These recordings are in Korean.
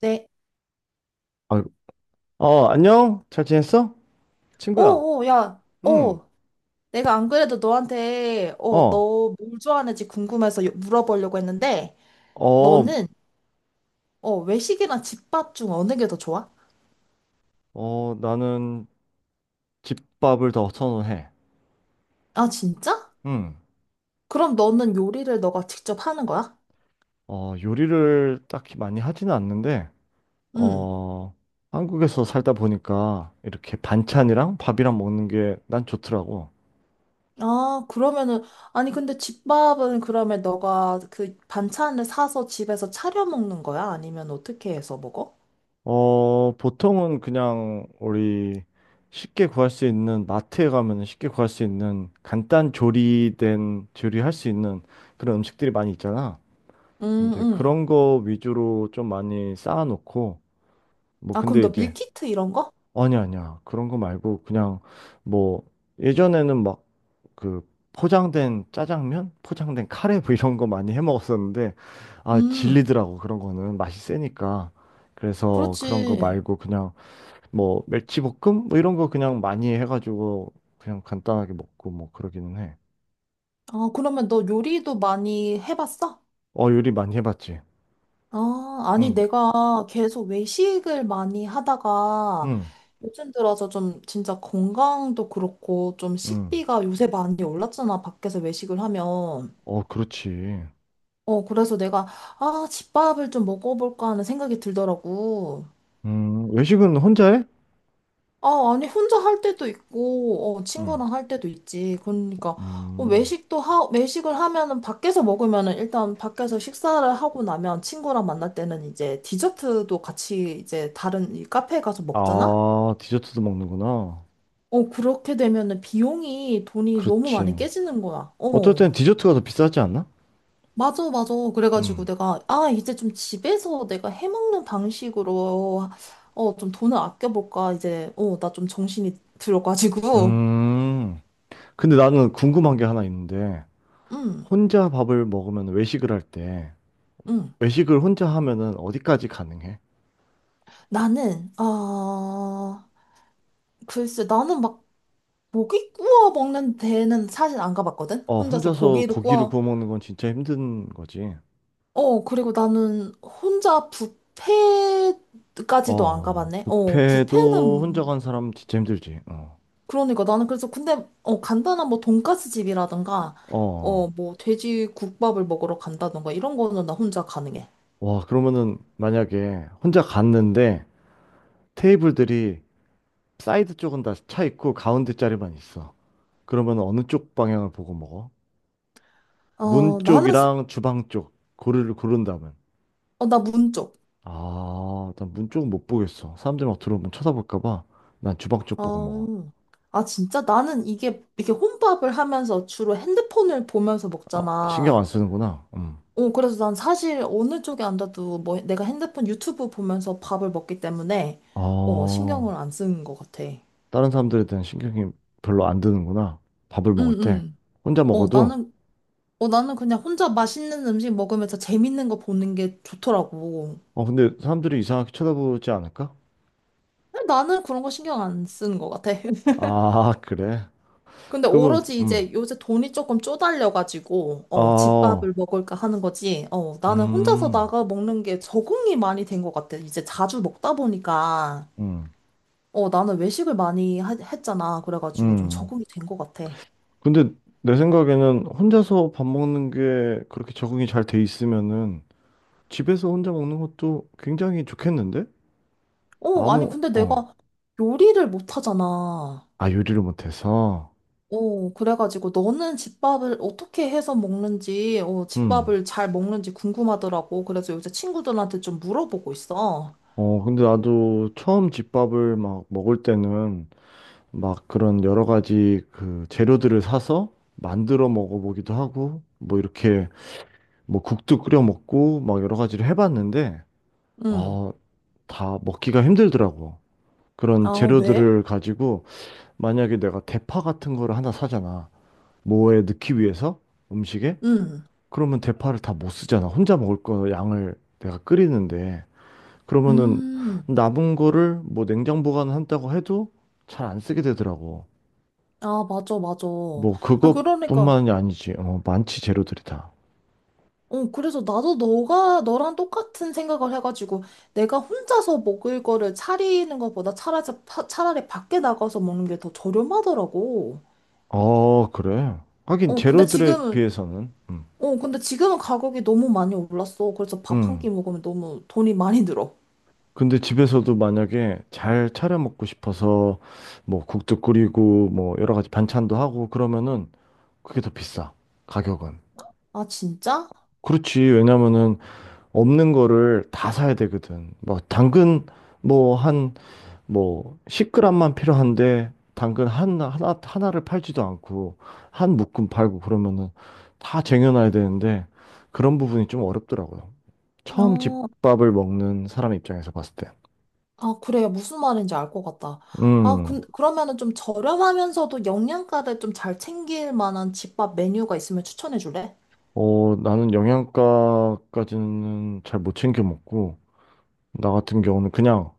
네. 아, 안녕? 잘 지냈어, 친구야? 오, 오, 야, 응. 오. 내가 안 그래도 너한테, 어, 너 뭘 좋아하는지 궁금해서 물어보려고 했는데, 어, 너는, 외식이랑 집밥 중 어느 게 더 좋아? 나는 집밥을 더 선호해. 아, 진짜? 응. 그럼 너는 요리를 너가 직접 하는 거야? 어, 요리를 딱히 많이 하지는 않는데, 응. 어, 한국에서 살다 보니까 이렇게 반찬이랑 밥이랑 먹는 게 난 좋더라고. 아, 그러면은, 아니, 근데 집밥은 그러면 너가 그 반찬을 사서 집에서 차려 먹는 거야? 아니면 어떻게 해서 먹어? 어, 보통은 그냥 우리 쉽게 구할 수 있는 마트에 가면 쉽게 구할 수 있는 간단 조리된 조리할 수 있는 그런 음식들이 많이 있잖아. 응 이제 응. 그런 거 위주로 좀 많이 쌓아놓고, 뭐, 아, 그럼 근데 너 이제, 밀키트 이런 거? 아니, 아니야. 그런 거 말고, 그냥, 뭐, 예전에는 막, 그, 포장된 짜장면? 포장된 카레? 뭐 이런 거 많이 해 먹었었는데, 아, 음, 질리더라고. 그런 거는. 맛이 세니까. 그래서 그런 거 그렇지. 말고, 그냥, 뭐, 멸치볶음? 뭐 이런 거 그냥 많이 해가지고, 그냥 간단하게 먹고, 뭐, 그러기는 해. 아, 그러면 너 요리도 많이 해봤어? 어, 요리 많이 해봤지. 아, 아니, 응, 내가 계속 외식을 많이 하다가 응, 요즘 들어서 좀 진짜 건강도 그렇고 좀 응. 식비가 요새 많이 올랐잖아, 밖에서 외식을 하면. 어, 그렇지. 어, 그래서 내가, 아, 집밥을 좀 먹어볼까 하는 생각이 들더라고. 외식은 혼자 해? 아, 아니, 혼자 할 때도 있고, 어, 응. 친구랑 할 때도 있지. 그러니까, 음. 외식을 하면은, 밖에서 먹으면은, 일단 밖에서 식사를 하고 나면, 친구랑 만날 때는 이제 디저트도 같이 이제 다른 이 카페에 가서 먹잖아? 아, 디저트도 먹는구나. 어, 그렇게 되면은 비용이 돈이 너무 많이 그렇지. 깨지는 거야. 어떨 어. 땐 디저트가 더 비싸지 않나? 맞아, 맞아. 그래가지고 응. 내가, 아, 이제 좀 집에서 내가 해먹는 방식으로, 어, 좀 돈을 아껴볼까. 이제, 어, 나 좀 정신이 들어가지고. 음. 근데 나는 궁금한 게 하나 있는데, 응, 혼자 밥을 먹으면, 외식을 할 때, 응. 외식을 혼자 하면은 어디까지 가능해? 나는, 아 글쎄, 나는 고기 구워 먹는 데는 사실 안 가봤거든? 어, 혼자서 혼자서 고기를 고기를 구워. 구워 먹는 건 진짜 힘든 거지. 어, 그리고 나는 혼자 뷔페까지도 안 어, 가봤네? 어, 뷔페도 혼자 뷔페는, 간 사람 진짜 힘들지. 어. 그러니까 나는 그래서 근데, 간단한 뭐 돈까스 집이라든가, 어. 뭐 돼지 국밥을 먹으러 간다든가 이런 거는 나 혼자 가능해. 와, 그러면은 만약에 혼자 갔는데, 테이블들이 사이드 쪽은 다 차 있고 가운데 자리만 있어. 그러면 어느 쪽 방향을 보고 먹어? 문 어, 나는, 스- 쪽이랑 주방 쪽 고르를 고른다면. 어, 나 문쪽. 아, 난 문 쪽은 못 보겠어. 사람들이 막 들어오면 쳐다볼까 봐. 난 주방 쪽 보고 먹어. 어. 아, 진짜? 나는 이게 혼밥을 하면서 주로 핸드폰을 보면서 아, 신경 안 먹잖아. 쓰는구나. 음. 어, 그래서 난 사실 어느 쪽에 앉아도 뭐 내가 핸드폰 유튜브 보면서 밥을 먹기 때문에, 어, 신경을 안 쓰는 것 같아. 응, 다른 사람들에 대한 신경이 별로 안 드는구나. 밥을 먹을 때. 응. 혼자 어, 먹어도. 나는, 어, 나는 그냥 혼자 맛있는 음식 먹으면서 재밌는 거 보는 게 좋더라고. 어, 근데 사람들이 이상하게 쳐다보지 않을까? 나는 그런 거 신경 안 쓰는 것 같아. 아, 그래. 근데 그러면, 오로지 이제 요새 돈이 조금 쪼달려가지고, 어, 집밥을 먹을까 하는 거지. 어, 나는 혼자서 음. 나가 먹는 게 적응이 많이 된 것 같아. 이제 자주 먹다 보니까, 음, 나는 했잖아. 그래가지고 좀 음. 적응이 된 것 같아. 근데 내 생각에는 혼자서 밥 먹는 게 그렇게 적응이 잘 돼 있으면은 집에서 혼자 먹는 것도 굉장히 좋겠는데? 어, 아니, 아무, 근데 어, 내가 요리를 못 하잖아. 아, 요리를 못해서. 어, 그래가지고 너는 집밥을 어떻게 해서 먹는지, 음. 집밥을 잘 먹는지 궁금하더라고. 그래서 요새 친구들한테 좀 물어보고 있어. 어, 근데 나도 처음 집밥을 막 먹을 때는 막 그런 여러 가지 그 재료들을 사서 만들어 먹어보기도 하고, 뭐 이렇게 뭐 국도 끓여 먹고 막 여러 가지를 해봤는데, 응. 아, 다 먹기가 힘들더라고. 그런 아, 왜? 재료들을 가지고. 만약에 내가 대파 같은 거를 하나 사잖아. 뭐에 넣기 위해서. 음식에? 응. 그러면 대파를 다 못 쓰잖아. 혼자 먹을 거 양을 내가 끓이는데. 그러면은 음, 남은 거를 뭐 냉장 보관한다고 해도 잘 안 쓰게 되더라고. 아, 맞아, 맞아. 뭐 아, 그러니까, 그것뿐만이 아니지. 어, 많지 재료들이 다. 그래서 나도 너랑 똑같은 생각을 해가지고, 내가 혼자서 먹을 거를 차리는 것보다 차라리 밖에 나가서 먹는 게 더 저렴하더라고. 어, 그래. 하긴 어, 근데 재료들에 지금은, 비해서는. 음. 어, 근데 지금은 가격이 너무 많이 올랐어. 그래서 밥 한 음. 끼 먹으면 너무 돈이 많이 들어. 근데 집에서도 만약에 잘 차려 먹고 싶어서 뭐 국도 끓이고 뭐 여러 가지 반찬도 하고 그러면은 그게 더 비싸. 가격은. 아, 진짜? 그렇지. 왜냐면은 없는 거를 다 사야 되거든. 뭐 당근 뭐 한 뭐 10g만 필요한데, 당근 하나 하나 하나를 팔지도 않고 한 묶음 팔고 그러면은 다 쟁여놔야 되는데 그런 부분이 좀 어렵더라고요. 처음 어, 집밥을 먹는 사람 입장에서 봤을 때. 아, 그래요. 무슨 말인지 알 것 같다. 음. 그러면은 좀 저렴하면서도 영양가를 좀 잘 챙길 만한 집밥 메뉴가 있으면 추천해 줄래? 어, 나는 영양가까지는 잘 못 챙겨 먹고, 나 같은 경우는 그냥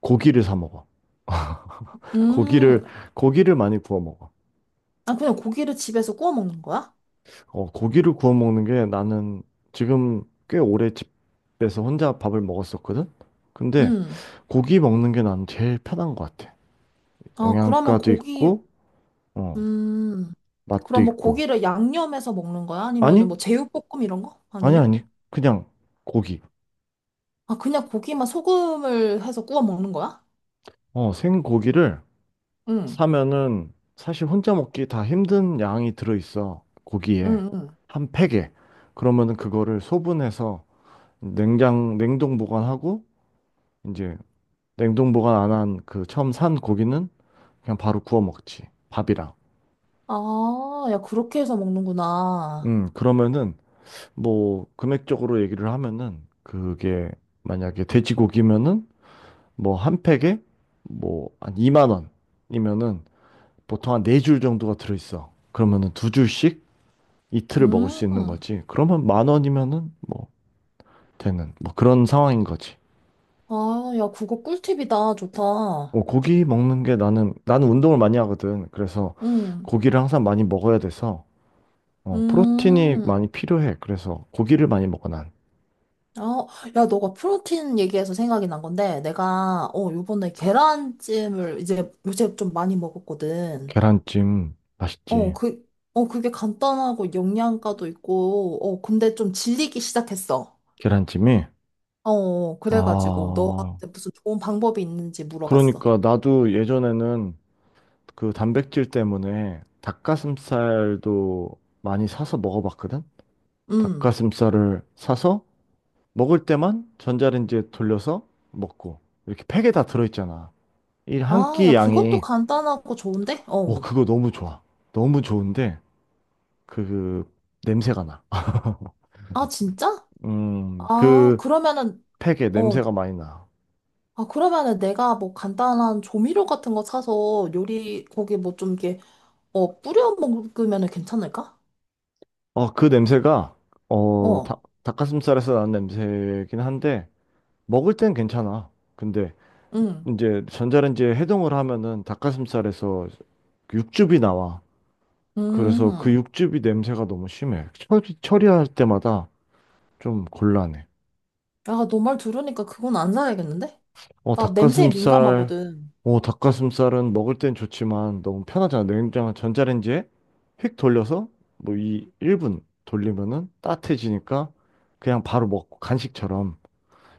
고기를 사 먹어. 고기를, 음, 고기를 많이 구워 먹어. 아, 그냥 고기를 집에서 구워 먹는 거야? 어, 고기를 구워 먹는 게 나는 지금 꽤 오래 집에서 혼자 밥을 먹었었거든? 근데 음, 고기 먹는 게 난 제일 편한 것 같아. 아, 그러면 영양가도 고기, 있고, 어, 음, 맛도 그럼 뭐 있고. 고기를 양념해서 먹는 거야? 아니면은 아니? 뭐 제육볶음 이런 거? 아니, 아니면? 아니. 그냥 고기. 아, 그냥 고기만 소금을 해서 구워 먹는 거야? 어, 생고기를 응, 사면은 사실 혼자 먹기 다 힘든 양이 들어있어. 고기에. 응, 응. 한 팩에. 그러면은 그거를 소분해서 냉장, 냉동 보관하고 이제 냉동 보관 안한 그 처음 산 고기는 그냥 바로 구워 먹지. 밥이랑. 아, 야, 그렇게 해서 먹는구나. 그러면은 뭐 금액적으로 얘기를 하면은 그게 만약에 돼지고기면은 뭐 한 팩에 뭐 한 2만 원이면은 보통 한 4줄 정도가 들어있어. 그러면은 2줄씩 이틀을 먹을 수 있는 음. 거지. 그러면 만 원이면은 뭐 되는 뭐 그런 상황인 거지. 아, 야, 그거 꿀팁이다. 좋다. 뭐 고기 먹는 게 나는 운동을 많이 하거든. 그래서 응. 고기를 항상 많이 먹어야 돼서 어, 프로틴이 음. 많이 필요해. 그래서 고기를 많이 먹어, 난. 아, 야, 너가 프로틴 얘기해서 생각이 난 건데, 내가, 어, 요번에 계란찜을 이제 요새 좀 많이 먹었거든. 계란찜 어, 맛있지. 그, 어, 그게 간단하고 영양가도 있고, 어, 근데 좀 질리기 시작했어. 계란찜이. 어, 그래가지고 아, 너한테 무슨 좋은 방법이 있는지 물어봤어. 그러니까 나도 예전에는 그 단백질 때문에 닭가슴살도 많이 사서 먹어봤거든. 음. 닭가슴살을 사서 먹을 때만 전자레인지에 돌려서 먹고. 이렇게 팩에 다 들어있잖아, 이 한 아, 야, 끼 그것도 양이. 간단하고 좋은데? 오, 어. 그거 너무 좋아. 너무 좋은데 그, 그 냄새가 나. 아, 진짜? 아, 그 그러면은, 팩에 어, 냄새가 많이 나. 아, 그러면은 내가 뭐 간단한 조미료 같은 거 사서 거기 뭐 좀 이렇게, 어, 뿌려 먹으면은 괜찮을까? 어, 그 냄새가 어, 어, 닭, 닭가슴살에서 나는 냄새긴 한데, 먹을 땐 괜찮아. 근데 응, 이제 전자레인지에 해동을 하면은 닭가슴살에서 육즙이 나와. 그래서 그 음. 육즙이 냄새가 너무 심해. 처리할 때마다 좀 곤란해. 야, 너 말 들으니까 그건 안 사야겠는데? 어, 나 냄새에 닭가슴살, 민감하거든. 어, 닭가슴살은 먹을 땐 좋지만 너무 편하잖아. 냉장, 전자레인지에 휙 돌려서 뭐 이 1분 돌리면은 따뜻해지니까 그냥 바로 먹고 간식처럼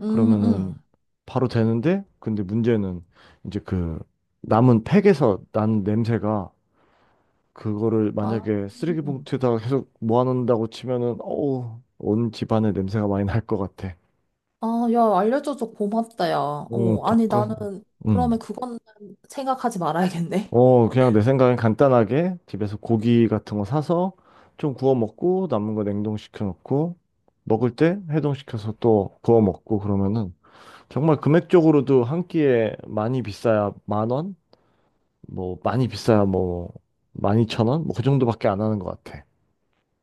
음, 그러면은 음. 바로 되는데, 근데 문제는 이제 그 남은 팩에서 나는 냄새가, 그거를 아, 만약에 쓰레기 음. 봉투에다가 계속 모아놓는다고 치면은 어우, 온 집안에 냄새가 많이 날 것 같아. 아, 야, 알려줘서 고맙다, 야. 어, 어, 아니, 닭가슴, 나는, 그러면 그건 생각하지 말아야겠네. 어, 그냥 내 생각엔 간단하게 집에서 고기 같은 거 사서 좀 구워 먹고 남은 거 냉동시켜 놓고 먹을 때 해동시켜서 또 구워 먹고 그러면은 정말 금액적으로도 한 끼에 많이 비싸야 10,000원? 뭐 많이 비싸야 뭐 12,000원? 뭐 그 정도밖에 안 하는 것 같아.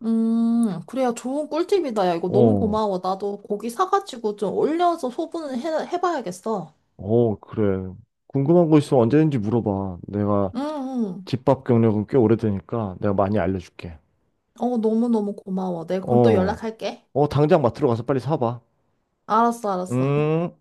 그래야 좋은 꿀팁이다. 야, 이거 너무 어, 고마워. 나도 고기 사가지고 좀 올려서 해봐야겠어. 어, 그래. 궁금한 거 있으면 언제든지 물어봐. 내가 응, 응. 집밥 경력은 꽤 오래되니까 내가 많이 알려줄게. 어, 너무너무 고마워. 내가 그럼 또 어, 연락할게. 어, 당장 마트로 가서 빨리 사봐. 알았어, 알았어. 음.